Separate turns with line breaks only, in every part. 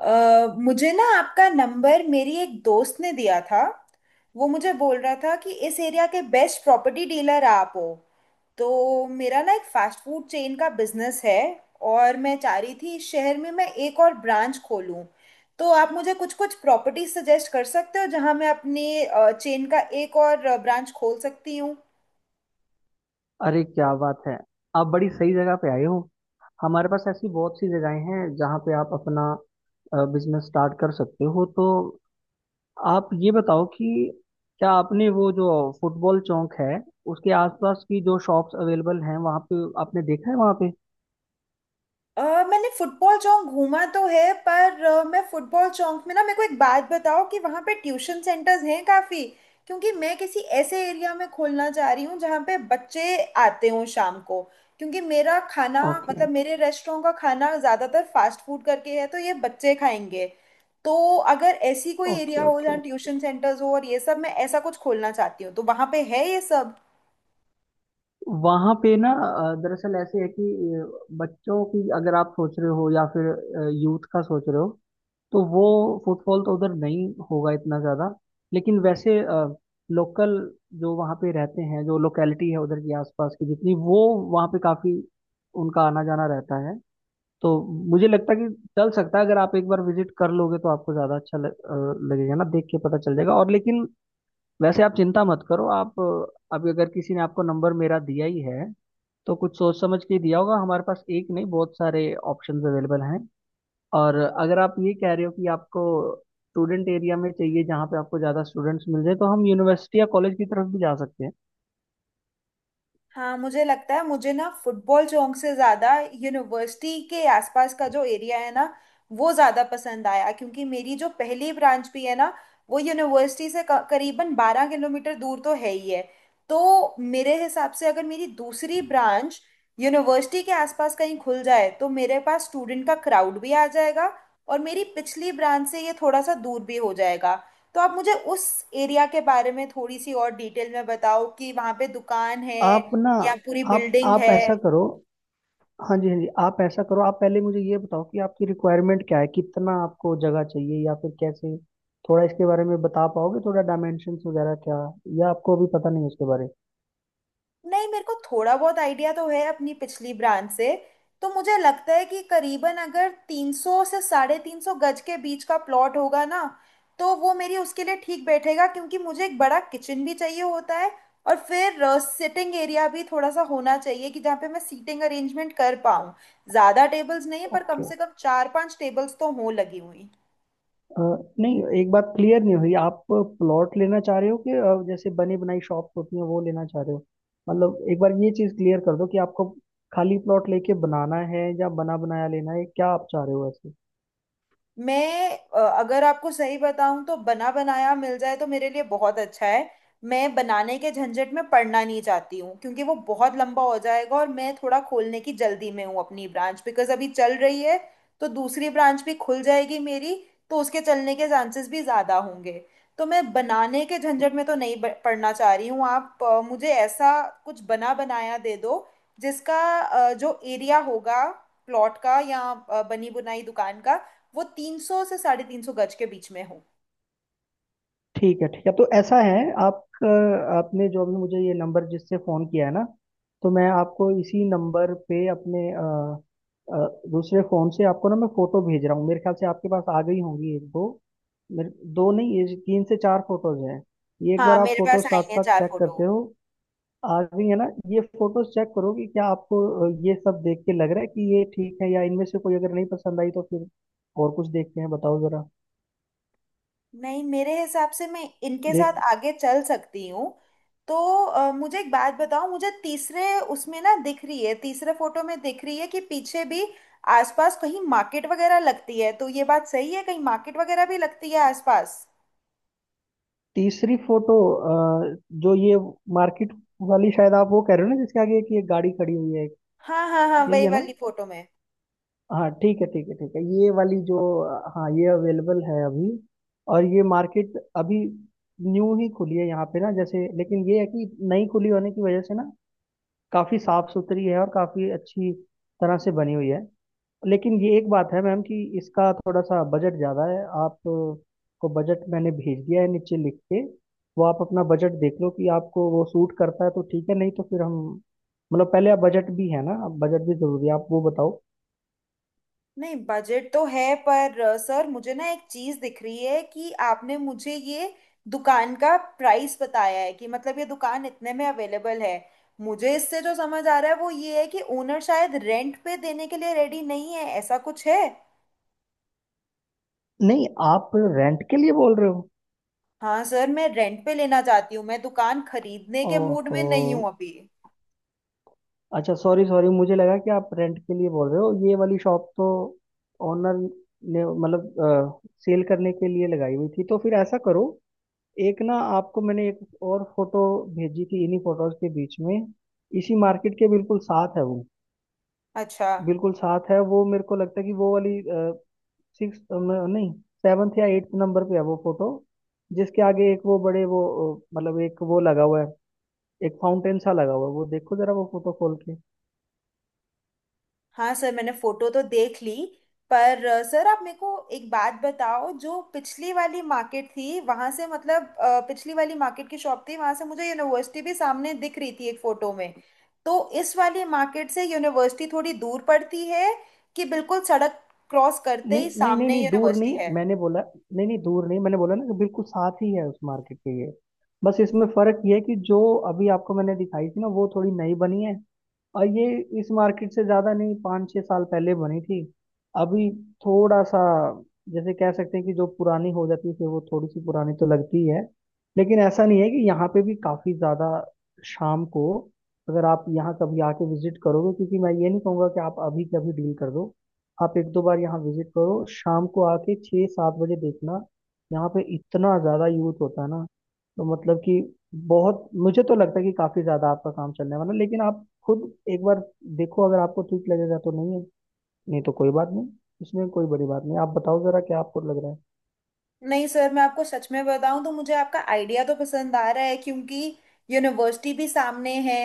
मुझे ना आपका नंबर मेरी एक दोस्त ने दिया था। वो मुझे बोल रहा था कि इस एरिया के बेस्ट प्रॉपर्टी डीलर आप हो। तो मेरा ना एक फास्ट फूड चेन का बिजनेस है, और मैं चाह रही थी इस शहर में मैं एक और ब्रांच खोलूं। तो आप मुझे कुछ कुछ प्रॉपर्टी सजेस्ट कर सकते हो जहाँ मैं अपने चेन का एक और ब्रांच खोल सकती हूँ।
अरे, क्या बात है। आप बड़ी सही जगह पे आए हो। हमारे पास ऐसी बहुत सी जगहें हैं जहाँ पे आप अपना बिजनेस स्टार्ट कर सकते हो। तो आप ये बताओ कि क्या आपने वो जो फुटबॉल चौक है, उसके आसपास की जो शॉप्स अवेलेबल हैं वहाँ पे आपने देखा है वहाँ पे?
अ, मैंने फुटबॉल चौक घूमा तो है, पर मैं फुटबॉल चौक में ना, मेरे को एक बात बताओ कि वहाँ पे ट्यूशन सेंटर्स हैं काफ़ी। क्योंकि मैं किसी ऐसे एरिया में खोलना चाह रही हूँ जहाँ पे बच्चे आते हों शाम को, क्योंकि मेरा खाना,
ओके,
मतलब मेरे रेस्टोरेंट का खाना ज़्यादातर फास्ट फूड करके है, तो ये बच्चे खाएंगे। तो अगर ऐसी कोई
ओके,
एरिया हो
ओके।
जहाँ ट्यूशन सेंटर्स हो और ये सब, मैं ऐसा कुछ खोलना चाहती हूँ तो वहाँ पे है ये सब।
वहाँ पे ना, दरअसल ऐसे है कि बच्चों की अगर आप सोच रहे हो या फिर यूथ का सोच रहे हो, तो वो फुटफॉल तो उधर नहीं होगा इतना ज़्यादा। लेकिन वैसे लोकल जो वहाँ पे रहते हैं, जो लोकेलिटी है उधर की आसपास की जितनी वो, वहाँ पे काफ़ी उनका आना जाना रहता है। तो मुझे लगता है कि चल सकता है। अगर आप एक बार विजिट कर लोगे तो आपको ज़्यादा अच्छा लगेगा ना, देख के पता चल जाएगा। और लेकिन वैसे आप चिंता मत करो। आप अभी अगर किसी ने आपको नंबर मेरा दिया ही है तो कुछ सोच समझ के ही दिया होगा। हमारे पास एक नहीं, बहुत सारे ऑप्शंस अवेलेबल हैं। और अगर आप ये कह रहे हो कि आपको स्टूडेंट एरिया में चाहिए जहाँ पे आपको ज़्यादा स्टूडेंट्स मिल जाए, तो हम यूनिवर्सिटी या कॉलेज की तरफ भी जा सकते हैं।
हाँ, मुझे लगता है, मुझे ना फुटबॉल चौक से ज्यादा यूनिवर्सिटी के आसपास का जो एरिया है ना, वो ज्यादा पसंद आया। क्योंकि मेरी जो पहली ब्रांच भी है ना, वो यूनिवर्सिटी से करीबन बारह किलोमीटर दूर तो है ही है। तो मेरे हिसाब से अगर मेरी दूसरी ब्रांच यूनिवर्सिटी के आसपास कहीं खुल जाए, तो मेरे पास स्टूडेंट का क्राउड भी आ जाएगा, और मेरी पिछली ब्रांच से ये थोड़ा सा दूर भी हो जाएगा। तो आप मुझे उस एरिया के बारे में थोड़ी सी और डिटेल में बताओ कि वहाँ पे दुकान है
आप ना,
या पूरी
आप
बिल्डिंग
आप
है।
ऐसा करो। हाँ जी, हाँ जी, आप ऐसा करो। आप पहले मुझे ये बताओ कि आपकी रिक्वायरमेंट क्या है, कितना आपको जगह चाहिए या फिर कैसे, थोड़ा इसके बारे में बता पाओगे? थोड़ा डायमेंशंस वगैरह क्या, या आपको अभी पता नहीं है उसके बारे?
नहीं, मेरे को थोड़ा बहुत आइडिया तो है अपनी पिछली ब्रांच से। तो मुझे लगता है कि करीबन अगर 300 से साढ़े तीन सौ गज के बीच का प्लॉट होगा ना, तो वो मेरी उसके लिए ठीक बैठेगा। क्योंकि मुझे एक बड़ा किचन भी चाहिए होता है, और फिर सिटिंग एरिया भी थोड़ा सा होना चाहिए कि जहाँ पे मैं सीटिंग अरेंजमेंट कर पाऊँ। ज़्यादा टेबल्स नहीं, पर कम
ओके।
से कम चार पांच टेबल्स तो हों लगी हुई।
अ, नहीं, एक बात क्लियर नहीं हुई। आप प्लॉट लेना चाह रहे हो कि जैसे बनी बनाई शॉप्स होती हैं वो लेना चाह रहे हो? मतलब एक बार ये चीज क्लियर कर दो कि आपको खाली प्लॉट लेके बनाना है या बना बनाया लेना है, क्या आप चाह रहे हो ऐसे?
मैं, अगर आपको सही बताऊं तो बना बनाया मिल जाए तो मेरे लिए बहुत अच्छा है। मैं बनाने के झंझट में पड़ना नहीं चाहती हूँ, क्योंकि वो बहुत लंबा हो जाएगा, और मैं थोड़ा खोलने की जल्दी में हूँ अपनी ब्रांच बिकॉज अभी चल रही है। तो दूसरी ब्रांच भी खुल जाएगी मेरी, तो उसके चलने के चांसेस भी ज़्यादा होंगे। तो मैं बनाने के झंझट में तो नहीं पड़ना चाह रही हूँ। आप मुझे ऐसा कुछ बना बनाया दे दो, जिसका जो एरिया होगा प्लॉट का या बनी बुनाई दुकान का, वो तीन सौ से साढ़े तीन सौ गज के बीच में हो।
ठीक है, ठीक है। तो ऐसा है, आप अ, आपने जो अभी मुझे ये नंबर जिससे फ़ोन किया है ना, तो मैं आपको इसी नंबर पे अपने अ, दूसरे फ़ोन से आपको ना मैं फ़ोटो भेज रहा हूँ। मेरे ख्याल से आपके पास आ गई होंगी, एक दो। मेरे दो नहीं, ये तीन से चार फोटोज हैं। ये एक
हाँ,
बार आप
मेरे
फोटो
पास आई
साथ
है
साथ
चार
चेक
फोटो।
करते हो। आ गई है ना? ये फोटोज चेक करो कि क्या आपको ये सब देख के लग रहा है कि ये ठीक है, या इनमें से कोई अगर नहीं पसंद आई तो फिर और कुछ देखते हैं, बताओ जरा।
नहीं, मेरे हिसाब से मैं इनके
देख,
साथ आगे चल सकती हूँ। तो मुझे एक बात बताओ, मुझे तीसरे, उसमें ना दिख रही है, तीसरे फोटो में दिख रही है कि पीछे भी आसपास कहीं मार्केट वगैरह लगती है। तो ये बात सही है, कहीं मार्केट वगैरह भी लगती है आसपास?
तीसरी फोटो, अ, जो ये मार्केट वाली, शायद आप वो कह रहे हो ना जिसके आगे एक ये गाड़ी खड़ी हुई है?
हाँ हाँ हाँ,
यही
वही
है ना?
वाली फोटो में।
हाँ ठीक है, ठीक है, ठीक है। ये वाली जो, हाँ, ये अवेलेबल है अभी। और ये मार्केट अभी न्यू ही खुली है यहाँ पे ना, जैसे, लेकिन ये है कि नई खुली होने की वजह से ना, काफी साफ सुथरी है और काफी अच्छी तरह से बनी हुई है। लेकिन ये एक बात है मैम कि इसका थोड़ा सा बजट ज़्यादा है। आप को बजट मैंने भेज दिया है नीचे लिख के। वो आप अपना बजट देख लो कि आपको वो सूट करता है तो ठीक है, नहीं तो फिर हम, मतलब पहले आप बजट, भी है ना, बजट भी ज़रूरी है, आप वो बताओ।
नहीं, बजट तो है, पर सर मुझे ना एक चीज दिख रही है कि आपने मुझे ये दुकान का प्राइस बताया है कि मतलब ये दुकान इतने में अवेलेबल है। मुझे इससे जो समझ आ रहा है वो ये है कि ओनर शायद रेंट पे देने के लिए रेडी नहीं है, ऐसा कुछ है?
नहीं, आप रेंट के लिए बोल रहे हो?
हाँ सर, मैं रेंट पे लेना चाहती हूँ, मैं दुकान खरीदने के मूड में
ओहो,
नहीं हूँ अभी।
अच्छा, सॉरी, सॉरी, मुझे लगा कि आप रेंट के लिए बोल रहे हो। ये वाली शॉप तो ओनर ने मतलब सेल करने के लिए लगाई हुई थी। तो फिर ऐसा करो, एक ना आपको मैंने एक और फोटो भेजी थी इन्हीं फोटोज के बीच में। इसी मार्केट के बिल्कुल साथ है वो,
अच्छा।
बिल्कुल साथ है वो। मेरे को लगता है कि वो वाली, सिक्स नहीं, सेवन्थ या एट्थ नंबर पे है वो फोटो, जिसके आगे एक वो बड़े वो, मतलब एक वो लगा हुआ है, एक फाउंटेन सा लगा हुआ है। वो देखो जरा वो फोटो खोल के।
हाँ सर, मैंने फोटो तो देख ली, पर सर आप मेरे को एक बात बताओ, जो पिछली वाली मार्केट थी वहां से, मतलब पिछली वाली मार्केट की शॉप थी वहां से, मुझे यूनिवर्सिटी भी सामने दिख रही थी एक फोटो में। तो इस वाली मार्केट से यूनिवर्सिटी थोड़ी दूर पड़ती है, कि बिल्कुल सड़क क्रॉस करते
नहीं
ही
नहीं नहीं
सामने
नहीं, दूर
यूनिवर्सिटी
नहीं
है?
मैंने बोला। नहीं नहीं, दूर नहीं मैंने बोला ना कि बिल्कुल साथ ही है उस मार्केट के ये। बस इसमें फर्क ये है कि जो अभी आपको मैंने दिखाई थी ना, वो थोड़ी नई बनी है, और ये इस मार्केट से ज्यादा नहीं 5-6 साल पहले बनी थी। अभी थोड़ा सा, जैसे कह सकते हैं कि जो पुरानी हो जाती है फिर वो थोड़ी सी पुरानी तो लगती है। लेकिन ऐसा नहीं है। कि यहाँ पे भी काफी ज्यादा, शाम को अगर आप यहाँ कभी आके विजिट करोगे, क्योंकि मैं ये नहीं कहूँगा कि आप अभी कभी डील कर दो। आप एक दो बार यहाँ विजिट करो, शाम को आके 6-7 बजे देखना। यहाँ पे इतना ज्यादा यूथ होता है ना, तो मतलब कि बहुत, मुझे तो लगता है कि काफी ज्यादा आपका काम चलने वाला है, लेकिन आप खुद एक बार देखो। अगर आपको ठीक लगेगा तो, नहीं है नहीं तो कोई बात नहीं, इसमें कोई बड़ी बात नहीं। आप बताओ जरा, क्या आपको लग रहा है?
नहीं सर, मैं आपको सच में बताऊं तो मुझे आपका आइडिया तो पसंद आ रहा है, क्योंकि यूनिवर्सिटी भी सामने है।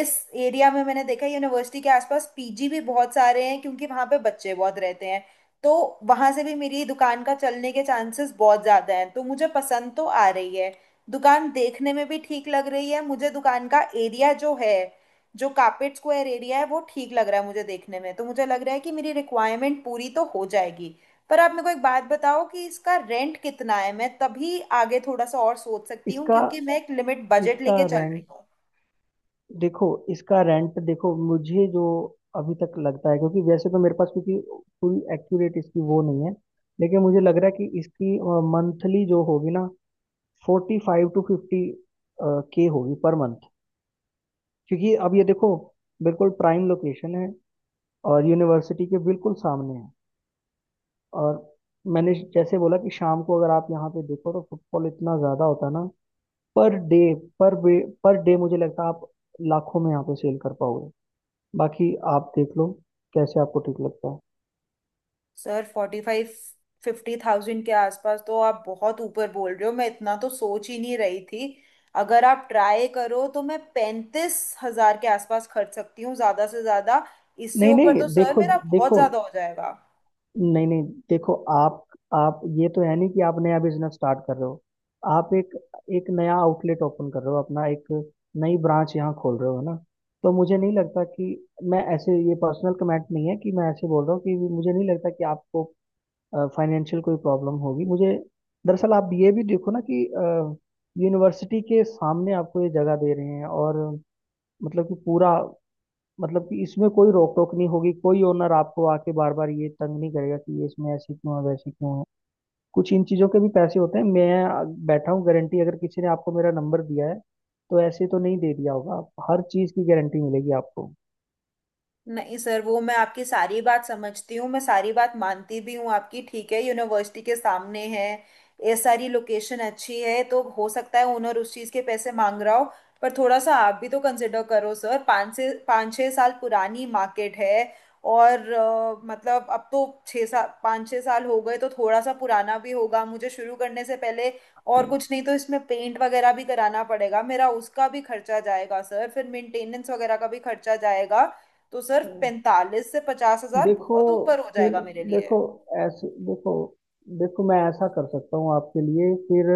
इस एरिया में मैंने देखा है यूनिवर्सिटी के आसपास पीजी भी बहुत सारे हैं, क्योंकि वहां पे बच्चे बहुत रहते हैं। तो वहां से भी मेरी दुकान का चलने के चांसेस बहुत ज्यादा हैं, तो मुझे पसंद तो आ रही है। दुकान देखने में भी ठीक लग रही है मुझे, दुकान का एरिया जो है, जो कार्पेट स्क्वायर एरिया है वो ठीक लग रहा है मुझे देखने में। तो मुझे लग रहा है कि मेरी रिक्वायरमेंट पूरी तो हो जाएगी, पर आप मेरे को एक बात बताओ कि इसका रेंट कितना है, मैं तभी आगे थोड़ा सा और सोच सकती हूँ,
इसका
क्योंकि मैं एक लिमिट बजट
इसका
लेके चल रही
रेंट
हूँ।
देखो, इसका रेंट देखो। मुझे जो अभी तक लगता है, क्योंकि वैसे तो मेरे पास, क्योंकि पूरी एक्यूरेट इसकी वो नहीं है, लेकिन मुझे लग रहा है कि इसकी मंथली जो होगी ना, फोर्टी फाइव टू फिफ्टी के होगी पर मंथ। क्योंकि अब ये देखो, बिल्कुल प्राइम लोकेशन है और यूनिवर्सिटी के बिल्कुल सामने है। और मैंने जैसे बोला कि शाम को अगर आप यहाँ पे देखो तो फुटफॉल इतना ज्यादा होता है ना, per day, per day, per day मुझे लगता है आप लाखों में यहाँ पे सेल कर पाओगे। बाकी आप देख लो कैसे आपको ठीक लगता है।
Sir, forty five fifty thousand के आसपास तो आप बहुत ऊपर बोल रहे हो, मैं इतना तो सोच ही नहीं रही थी। अगर आप ट्राई करो तो मैं पैंतीस हजार के आसपास खर्च सकती हूँ ज्यादा से ज्यादा। इससे
नहीं
ऊपर
नहीं,
तो सर
देखो,
मेरा बहुत
देखो,
ज्यादा हो जाएगा।
नहीं नहीं, देखो आप ये तो है नहीं कि आप नया बिजनेस स्टार्ट कर रहे हो। आप एक एक नया आउटलेट ओपन कर रहे हो, अपना एक नई ब्रांच यहाँ खोल रहे हो, है ना। तो मुझे नहीं लगता कि, मैं ऐसे, ये पर्सनल कमेंट नहीं है कि मैं ऐसे बोल रहा हूँ, कि मुझे नहीं लगता कि आपको फाइनेंशियल कोई प्रॉब्लम होगी मुझे। दरअसल आप ये भी देखो ना कि यूनिवर्सिटी के सामने आपको ये जगह दे रहे हैं, और मतलब कि पूरा, मतलब कि इसमें कोई रोक टोक नहीं होगी, कोई ओनर आपको आके बार बार ये तंग नहीं करेगा कि ये इसमें ऐसी क्यों है वैसी क्यों है। कुछ इन चीज़ों के भी पैसे होते हैं। मैं बैठा हूँ गारंटी, अगर किसी ने आपको मेरा नंबर दिया है तो ऐसे तो नहीं दे दिया होगा। हर चीज़ की गारंटी मिलेगी आपको।
नहीं सर, वो मैं आपकी सारी बात समझती हूँ, मैं सारी बात मानती भी हूँ आपकी। ठीक है, यूनिवर्सिटी के सामने है, ये सारी लोकेशन अच्छी है, तो हो सकता है ओनर उस चीज़ के पैसे मांग रहा हो। पर थोड़ा सा आप भी तो कंसिडर करो सर, पाँच छः साल पुरानी मार्केट है। और मतलब अब तो छः साल, पाँच छः साल हो गए, तो थोड़ा सा पुराना भी होगा। मुझे शुरू करने से पहले और कुछ नहीं तो इसमें पेंट वगैरह भी कराना पड़ेगा, मेरा उसका भी खर्चा जाएगा सर, फिर मेंटेनेंस वगैरह का भी खर्चा जाएगा। तो सर पैंतालीस से पचास हजार
देखो,
बहुत ऊपर हो
फिर
जाएगा मेरे लिए।
देखो, ऐसे देखो, देखो मैं ऐसा कर सकता हूँ आपके लिए फिर,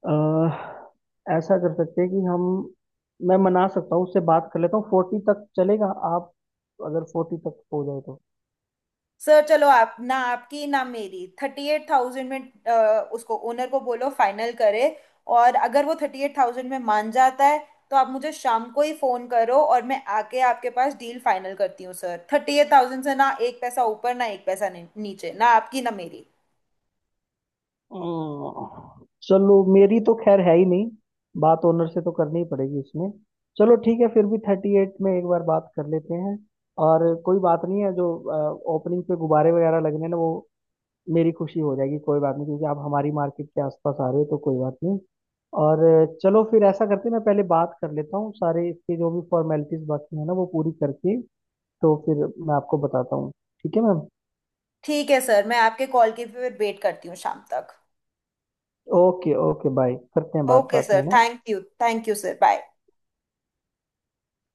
अ, ऐसा कर सकते हैं कि हम, मैं मना सकता हूँ, उससे बात कर लेता हूँ, फोर्टी तक चलेगा आप? अगर फोर्टी तक हो जाए तो?
सर चलो, आप ना, आपकी ना मेरी, थर्टी एट थाउजेंड में उसको, ओनर को बोलो फाइनल करे। और अगर वो थर्टी एट थाउजेंड में मान जाता है, तो आप मुझे शाम को ही फोन करो, और मैं आके आपके पास डील फाइनल करती हूँ। सर, थर्टी एट थाउजेंड से ना एक पैसा ऊपर ना एक पैसा नीचे, ना आपकी ना मेरी।
चलो मेरी तो खैर है ही नहीं, बात ओनर से तो करनी ही पड़ेगी इसमें। चलो ठीक है, फिर भी थर्टी एट में एक बार बात कर लेते हैं। और कोई बात नहीं है, जो ओपनिंग पे गुब्बारे वगैरह लगने ना, वो मेरी खुशी हो जाएगी। कोई बात नहीं, क्योंकि आप हमारी मार्केट के आसपास आ रहे हो तो कोई बात नहीं। और चलो फिर ऐसा करते हैं, मैं पहले बात कर लेता हूँ, सारे इसके जो भी फॉर्मेलिटीज बाकी है ना, वो पूरी करके तो फिर मैं आपको बताता हूँ। ठीक है मैम।
ठीक है सर, मैं आपके कॉल की फिर वेट करती हूँ शाम तक।
ओके, ओके, बाय करते हैं बात
ओके
बात
सर,
में ना।
Thank you, thank you sir, bye.